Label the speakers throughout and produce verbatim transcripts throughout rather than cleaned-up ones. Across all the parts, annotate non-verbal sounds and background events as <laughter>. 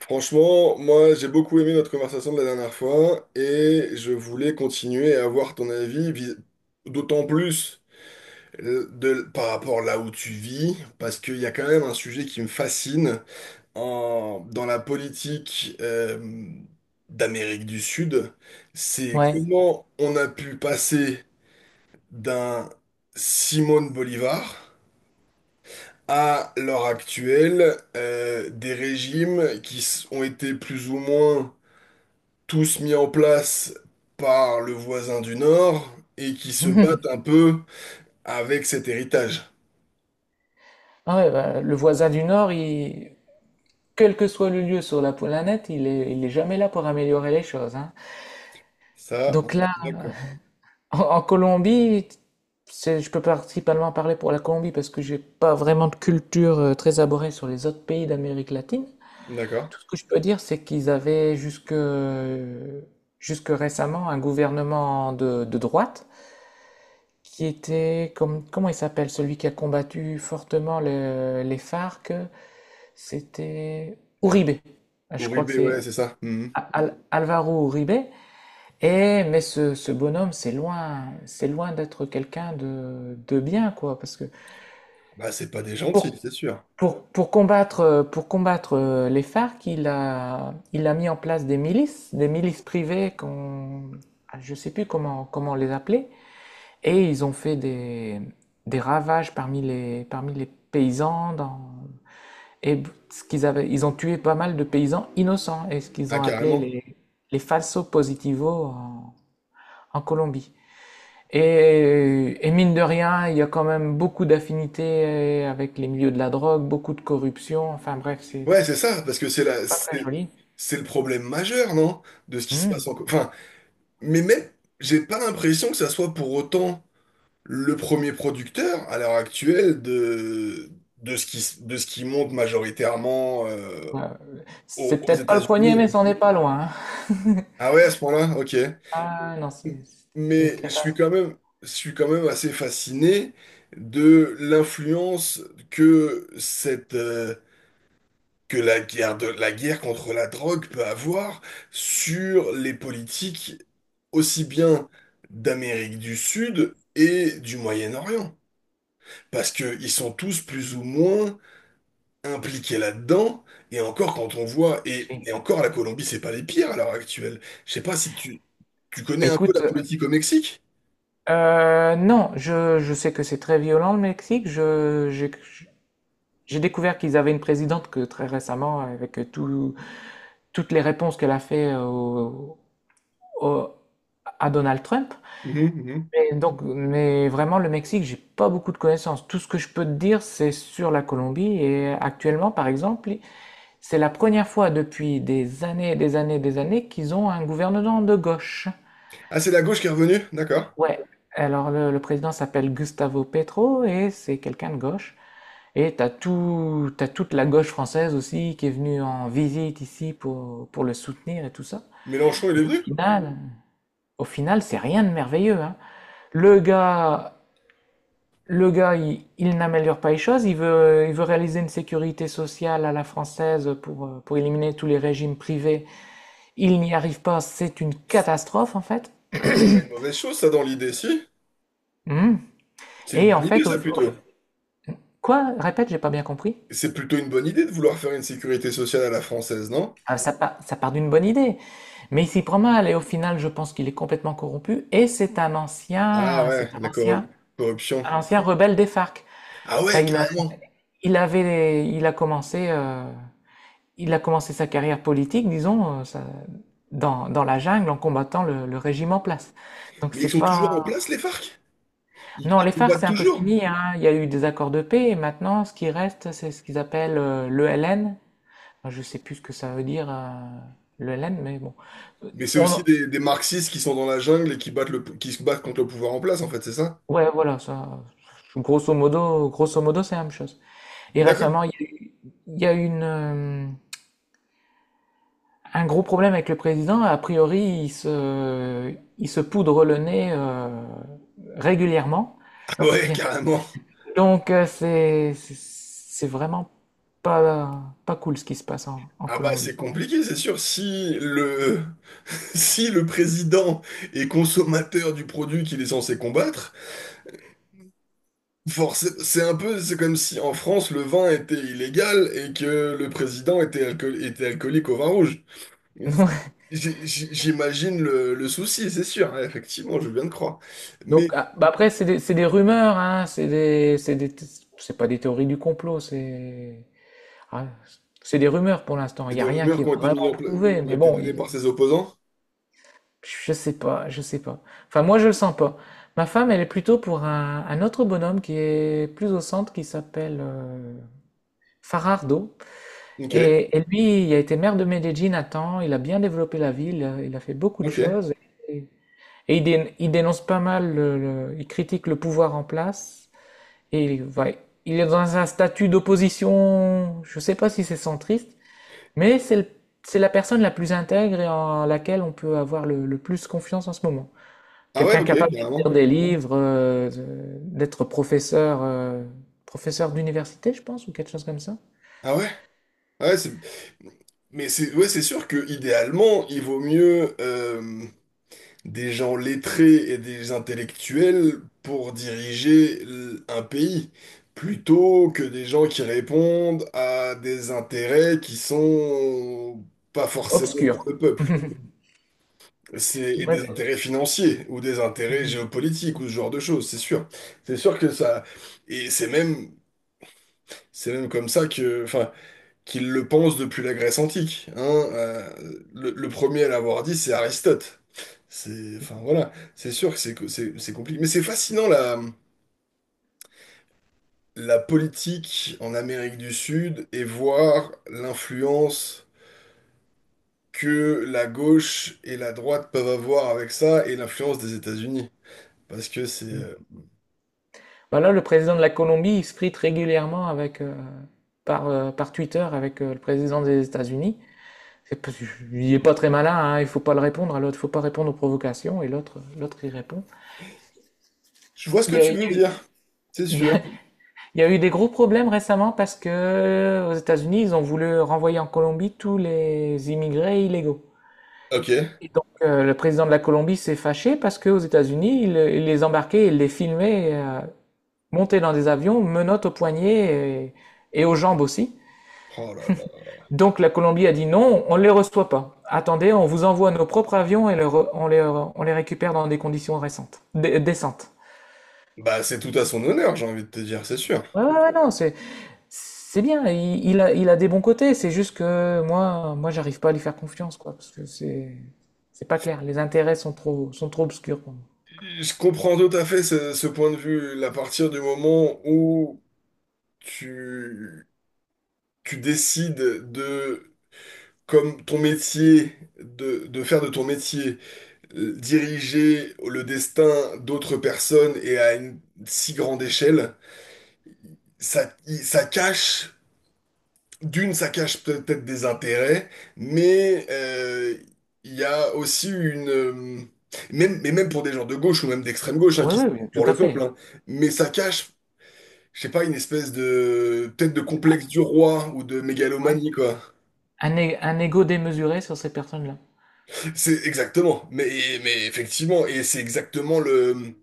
Speaker 1: Franchement, moi j'ai beaucoup aimé notre conversation de la dernière fois et je voulais continuer à avoir ton avis, vis- d'autant plus euh, de, par rapport là où tu vis, parce qu'il y a quand même un sujet qui me fascine en- dans la politique euh, d'Amérique du Sud, c'est
Speaker 2: Ouais.
Speaker 1: comment on a pu passer d'un Simone Bolivar à l'heure actuelle, euh, des régimes qui s- ont été plus ou moins tous mis en place par le voisin du Nord et qui se battent un peu avec cet héritage.
Speaker 2: Ah ouais, bah, le voisin du Nord, il... quel que soit le lieu sur la planète, il est, il est jamais là pour améliorer les choses, hein.
Speaker 1: Ça, on
Speaker 2: Donc
Speaker 1: est
Speaker 2: là,
Speaker 1: d'accord.
Speaker 2: <laughs> en, en Colombie, c'est- je peux principalement parler pour la Colombie parce que j'ai pas vraiment de culture euh, très abordée sur les autres pays d'Amérique latine.
Speaker 1: D'accord.
Speaker 2: Tout ce que je peux dire, c'est qu'ils avaient jusque, jusque récemment un gouvernement de, de droite qui était, comme, comment il s'appelle, celui qui a combattu fortement le- les F A R C. C'était
Speaker 1: Ouais.
Speaker 2: Uribe. Je crois
Speaker 1: Uribe,
Speaker 2: que
Speaker 1: ouais,
Speaker 2: c'est
Speaker 1: c'est ça. Mhm.
Speaker 2: Al- Alvaro Uribe. Et, mais ce, ce bonhomme, c'est loin, c'est loin d'être quelqu'un de, de bien, quoi. Parce que
Speaker 1: Ah bah, c'est pas des gentils, c'est sûr.
Speaker 2: pour, pour combattre, euh, pour combattre euh, les F A R C, il a, il a mis en place des milices, des milices privées qu'on, ah, je sais plus comment, comment les appeler. Et ils ont fait des, des ravages parmi les, parmi les paysans dans, et ce qu'ils avaient, ils ont tué pas mal de paysans innocents, et ce qu'ils
Speaker 1: Ah,
Speaker 2: ont appelé
Speaker 1: carrément.
Speaker 2: les, les falsos positivos en, en Colombie. Et, et mine de rien, il y a quand même beaucoup d'affinités avec les milieux de la drogue, beaucoup de corruption, enfin bref, c'est
Speaker 1: Ouais, c'est
Speaker 2: c'est
Speaker 1: ça, parce que c'est la,
Speaker 2: pas très
Speaker 1: c'est,
Speaker 2: joli.
Speaker 1: c'est le problème majeur, non? De ce qui se
Speaker 2: Hmm.
Speaker 1: passe en... Co- Enfin, mais même, j'ai pas l'impression que ça soit pour autant le premier producteur à l'heure actuelle de, de ce qui, s- de ce qui monte majoritairement, euh,
Speaker 2: Ouais,
Speaker 1: aux,
Speaker 2: c'est
Speaker 1: aux
Speaker 2: peut-être pas le premier,
Speaker 1: États-Unis.
Speaker 2: mais c'en est pas loin, hein.
Speaker 1: Ah ouais, à ce point-là, ok.
Speaker 2: Ah non, c'est c'est une
Speaker 1: Mais je suis
Speaker 2: catastrophe.
Speaker 1: quand même, je suis quand même assez fasciné de l'influence que cette, euh, que la guerre de, la guerre contre la drogue peut avoir sur les politiques aussi bien d'Amérique du Sud et du Moyen-Orient. Parce qu'ils sont tous plus ou moins impliqués là-dedans, et encore quand on voit, et,
Speaker 2: Oui.
Speaker 1: et encore la Colombie, c'est pas les pires à l'heure actuelle. Je sais pas si tu, tu connais
Speaker 2: Bah,
Speaker 1: un peu la
Speaker 2: écoute,
Speaker 1: politique au Mexique?
Speaker 2: euh, non, je, je sais que c'est très violent le Mexique. Je, j'ai- J'ai découvert qu'ils avaient une présidente que très récemment, avec tout- toutes les réponses qu'elle a fait au- au- à Donald Trump.
Speaker 1: Mhm, mhm.
Speaker 2: Mais donc, mais vraiment, le Mexique, j'ai pas beaucoup de connaissances. Tout ce que je peux te dire, c'est sur la Colombie. Et actuellement, par exemple, c'est la première fois depuis des années, des années, des années qu'ils ont un gouvernement de gauche.
Speaker 1: Ah, c'est la gauche qui est revenue, d'accord.
Speaker 2: Ouais. Alors, le, le président s'appelle Gustavo Petro et c'est quelqu'un de gauche. Et t'as tout, t'as toute la gauche française aussi qui est venue en visite ici pour, pour le soutenir et tout ça.
Speaker 1: Mélenchon, il est
Speaker 2: Mais au
Speaker 1: venu?
Speaker 2: final, au final, c'est rien de merveilleux, hein. Le gars, le gars, il, il n'améliore pas les choses. Il veut, il veut réaliser une sécurité sociale à la française pour, euh, pour éliminer tous les régimes privés. Il n'y arrive pas. C'est une catastrophe, en fait.
Speaker 1: C'est pas une mauvaise chose, ça, dans l'idée, si?
Speaker 2: Mhm.
Speaker 1: C'est une
Speaker 2: Et en
Speaker 1: bonne idée,
Speaker 2: fait, au-
Speaker 1: ça,
Speaker 2: au-
Speaker 1: plutôt.
Speaker 2: quoi? Répète, j'ai pas bien compris.
Speaker 1: C'est plutôt une bonne idée de vouloir faire une sécurité sociale à la française, non?
Speaker 2: Ah, ça part, ça part d'une bonne idée. Mais il s'y prend mal et au final, je pense qu'il est complètement corrompu. Et c'est un
Speaker 1: Ah
Speaker 2: ancien,
Speaker 1: ouais,
Speaker 2: c'est un
Speaker 1: la
Speaker 2: ancien,
Speaker 1: cor- corruption.
Speaker 2: un ancien rebelle des F A R C.
Speaker 1: Ah
Speaker 2: Enfin,
Speaker 1: ouais,
Speaker 2: il a,
Speaker 1: carrément.
Speaker 2: il avait, il a commencé, euh, il a commencé sa carrière politique, disons, euh, ça- dans, dans la jungle en combattant le, le régime en place. Donc
Speaker 1: Mais ils
Speaker 2: c'est
Speaker 1: sont toujours en
Speaker 2: pas,
Speaker 1: place, les F A R C? Ils,
Speaker 2: non,
Speaker 1: ils
Speaker 2: les F A R C
Speaker 1: combattent
Speaker 2: c'est un peu
Speaker 1: toujours.
Speaker 2: fini, hein. Il y a eu des accords de paix et maintenant, ce qui reste, c'est ce qu'ils appellent l'E L N. Je sais plus ce que ça veut dire, l'E L N, mais bon.
Speaker 1: Mais c'est
Speaker 2: On-
Speaker 1: aussi des, des marxistes qui sont dans la jungle et qui battent le, qui se battent contre le pouvoir en place, en fait, c'est ça?
Speaker 2: ouais, voilà, ça, grosso modo, grosso modo, c'est la même chose. Et
Speaker 1: D'accord.
Speaker 2: récemment, il
Speaker 1: <laughs>
Speaker 2: y a eu, il y a eu une, euh, un gros problème avec le président. A priori, il se, il se poudre le nez euh, régulièrement.
Speaker 1: Ah ouais,
Speaker 2: Bien.
Speaker 1: carrément.
Speaker 2: Donc, euh, c'est, c'est c'est vraiment pas, pas cool ce qui se passe en, en
Speaker 1: Ah bah c'est
Speaker 2: Colombie.
Speaker 1: compliqué, c'est sûr. Si le, <laughs> si le président est consommateur du produit qu'il est censé combattre, forcément, c'est un peu, c'est comme si en France le vin était illégal et que le président était, alcool- était alcoolique au vin rouge.
Speaker 2: <laughs>
Speaker 1: J'ai- j'ai- J'imagine le, le souci, c'est sûr, hein, effectivement, je viens de croire. Mais
Speaker 2: Donc, ah, bah après, c'est des, c'est des rumeurs, hein, c'est des, c'est des, c'est pas des théories du complot, c'est. Ah, c'est des rumeurs pour l'instant, il
Speaker 1: c'est
Speaker 2: n'y
Speaker 1: des
Speaker 2: a rien
Speaker 1: rumeurs
Speaker 2: qui
Speaker 1: qui
Speaker 2: est
Speaker 1: ont été mises
Speaker 2: vraiment
Speaker 1: en pla-
Speaker 2: prouvé,
Speaker 1: qui ont
Speaker 2: mais
Speaker 1: été
Speaker 2: bon,
Speaker 1: données
Speaker 2: il-
Speaker 1: par ses opposants.
Speaker 2: je sais pas, je sais pas. Enfin, moi, je le sens pas. Ma femme, elle est plutôt pour un, un autre bonhomme qui est plus au centre, qui s'appelle euh, Farardo.
Speaker 1: Ok,
Speaker 2: Et, et lui, il a été maire de Medellín à temps, il a bien développé la ville, euh, il a fait beaucoup de
Speaker 1: ok.
Speaker 2: choses. Et, et il, dé- il dénonce pas mal, le- le- il critique le pouvoir en place. Et il, va- il est dans un statut d'opposition, je sais pas si c'est centriste, mais c'est le- c'est la personne la plus intègre et en laquelle on peut avoir le, le plus confiance en ce moment.
Speaker 1: Ah ouais,
Speaker 2: Quelqu'un
Speaker 1: ok,
Speaker 2: capable d'écrire
Speaker 1: carrément.
Speaker 2: des livres, euh, de- d'être professeur, euh, professeur d'université, je pense, ou quelque chose comme ça.
Speaker 1: Ah ouais, ah ouais, c'est... Mais c'est ouais, c'est sûr que idéalement, il vaut mieux, euh, des gens lettrés et des intellectuels pour diriger l- un pays, plutôt que des gens qui répondent à des intérêts qui sont pas forcément
Speaker 2: Obscur.
Speaker 1: pour le peuple.
Speaker 2: <laughs>
Speaker 1: C'est et
Speaker 2: Moi,
Speaker 1: des intérêts financiers ou des intérêts
Speaker 2: mhm.
Speaker 1: géopolitiques ou ce genre de choses, c'est sûr. C'est sûr que ça et c'est même c'est même comme ça que enfin qu'ils le pensent depuis la Grèce antique, hein. Euh, le, le premier à l'avoir dit, c'est Aristote. C'est, enfin voilà, c'est sûr que c'est co- c'est- c'est compliqué. Mais c'est fascinant la, la politique en Amérique du Sud et voir l'influence que la gauche et la droite peuvent avoir avec ça et l'influence des États-Unis. Parce que c'est... euh,
Speaker 2: Bah là, le président de la Colombie, il se frite régulièrement avec, euh, par, euh, par Twitter avec euh, le président des États-Unis. C'est parce que il est pas très malin, hein, il faut pas le répondre à l'autre, faut pas répondre aux provocations, et l'autre, l'autre il répond.
Speaker 1: Je vois ce
Speaker 2: Il
Speaker 1: que
Speaker 2: y a, il
Speaker 1: tu
Speaker 2: y a
Speaker 1: veux
Speaker 2: eu-
Speaker 1: dire, c'est sûr.
Speaker 2: <laughs> Il y a eu des gros problèmes récemment parce que euh, aux États-Unis, ils ont voulu renvoyer en Colombie tous les immigrés illégaux.
Speaker 1: Ok.
Speaker 2: Et donc, euh, le président de la Colombie s'est fâché parce qu'aux États-Unis, il, il les embarquait, il les filmait euh, monter dans des avions, menottes aux poignets et, et aux jambes aussi.
Speaker 1: Oh là là.
Speaker 2: Donc, la Colombie a dit non, on ne les reçoit pas. Attendez, on vous envoie nos propres avions et le re- on les, on les récupère dans des conditions récentes, dé- décentes.
Speaker 1: Bah c'est tout à son honneur, j'ai envie de te dire, c'est sûr.
Speaker 2: Ouais, ouais, ouais, non, c'est c'est bien, il, il a, il a des bons côtés, c'est juste que moi, moi, j'arrive pas à lui faire confiance, quoi, parce que c'est, c'est pas clair. Les intérêts sont trop, sont trop obscurs pour moi.
Speaker 1: Je comprends tout à fait ce, ce point de vue. À partir du moment où tu, tu décides de, comme ton métier, de, de faire de ton métier, euh, diriger le destin d'autres personnes et à une si grande échelle, ça, ça cache, d'une, ça cache peut-être des intérêts, mais euh, il y a aussi une... euh, Même, mais même pour des gens de gauche ou même d'extrême gauche, hein,
Speaker 2: Oui,
Speaker 1: qui,
Speaker 2: oui, oui, tout
Speaker 1: pour
Speaker 2: à
Speaker 1: le peuple,
Speaker 2: fait.
Speaker 1: hein, mais ça cache je sais pas, une espèce de, peut-être de complexe du roi ou de
Speaker 2: Ouais.
Speaker 1: mégalomanie, quoi.
Speaker 2: Un, é- un ego démesuré sur ces personnes-là.
Speaker 1: C'est exactement, mais, mais effectivement, et c'est exactement le,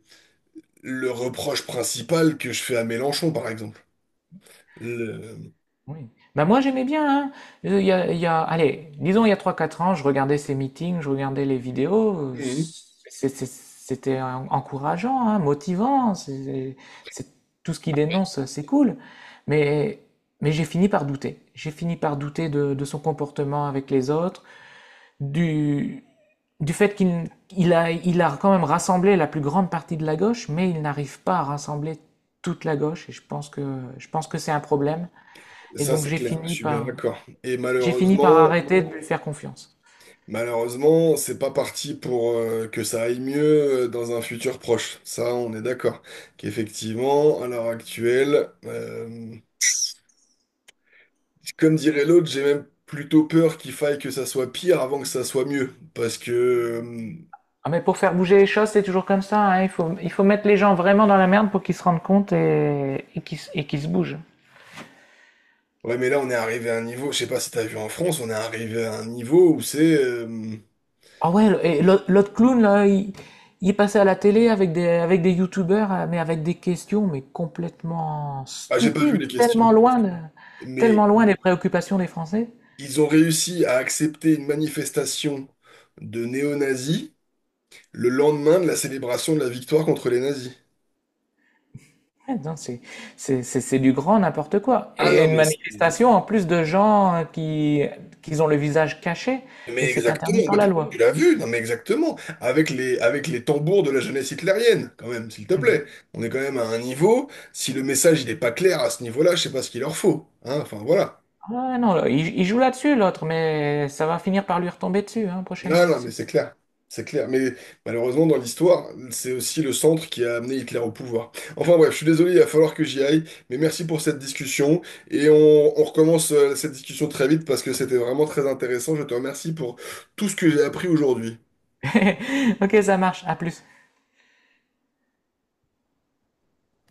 Speaker 1: le reproche principal que je fais à Mélenchon, par exemple. Le-
Speaker 2: Oui. Bah moi j'aimais bien, hein. Euh, Il y a, il y a- allez, disons il y a trois quatre ans, je regardais ces meetings, je regardais les vidéos, euh,
Speaker 1: Mhm.
Speaker 2: c'est- c'est- c'était en- encourageant, hein, motivant, c'est c'est- tout ce qu'il dénonce, c'est cool. Mais, mais j'ai fini par douter. J'ai fini par douter de, de son comportement avec les autres, du, du fait qu'il il a, il a quand même rassemblé la plus grande partie de la gauche, mais il n'arrive pas à rassembler toute la gauche, et je pense que, je pense que c'est un problème. Et
Speaker 1: Ça,
Speaker 2: donc
Speaker 1: c'est
Speaker 2: j'ai
Speaker 1: clair, je
Speaker 2: fini
Speaker 1: suis bien
Speaker 2: par
Speaker 1: d'accord. Et
Speaker 2: j'ai fini par
Speaker 1: malheureusement,
Speaker 2: arrêter de lui faire confiance.
Speaker 1: malheureusement, c'est pas parti pour, euh, que ça aille mieux, euh, dans un futur proche. Ça, on est d'accord. Qu'effectivement, à l'heure actuelle, euh, comme dirait l'autre, j'ai même plutôt peur qu'il faille que ça soit pire avant que ça soit mieux. Parce que, euh,
Speaker 2: Ah mais pour faire bouger les choses, c'est toujours comme ça, hein. Il faut il faut mettre les gens vraiment dans la merde pour qu'ils se rendent compte et et qu'ils se- et qu'ils se bougent.
Speaker 1: ouais, mais là, on est arrivé à un niveau, je sais pas si t'as vu en France, on est arrivé à un niveau où c'est, euh,
Speaker 2: Ah ouais, et l'autre l'autre clown là, il, il est passé à la télé avec des avec des youtubeurs, euh, mais avec des questions mais complètement
Speaker 1: ah, j'ai pas vu
Speaker 2: stupides,
Speaker 1: les questions.
Speaker 2: tellement loin de- tellement
Speaker 1: Mais
Speaker 2: loin des préoccupations des Français.
Speaker 1: ils ont réussi à accepter une manifestation de néo-nazis le lendemain de la célébration de la victoire contre les nazis.
Speaker 2: Ah non, c'est c'est- c'est- c'est du grand n'importe quoi.
Speaker 1: Ah
Speaker 2: Et
Speaker 1: non,
Speaker 2: une
Speaker 1: mais c'est-
Speaker 2: manifestation en plus de gens euh, qui, qui ont le visage caché et
Speaker 1: Mais
Speaker 2: c'est interdit
Speaker 1: exactement,
Speaker 2: par
Speaker 1: bah,
Speaker 2: la
Speaker 1: tu
Speaker 2: loi.
Speaker 1: l'as vu, non mais exactement, avec les, avec les tambours de la jeunesse hitlérienne, quand même, s'il te plaît. On est quand même à un niveau, si le message il n'est pas clair à ce niveau-là, je sais pas ce qu'il leur faut. Hein, enfin voilà.
Speaker 2: Oui. Ah non, là, il, il joue là-dessus l'autre, mais ça va finir par lui retomber dessus, hein, prochaines
Speaker 1: Là, non, mais
Speaker 2: élections.
Speaker 1: c'est clair. C'est clair. Mais malheureusement, dans l'histoire, c'est aussi le centre qui a amené Hitler au pouvoir. Enfin bref, je suis désolé, il va falloir que j'y aille, mais merci pour cette discussion. Et on, on recommence, euh, cette discussion très vite parce que c'était vraiment très intéressant. Je te remercie pour tout ce que j'ai appris aujourd'hui.
Speaker 2: <laughs> Ok, ça marche, à plus.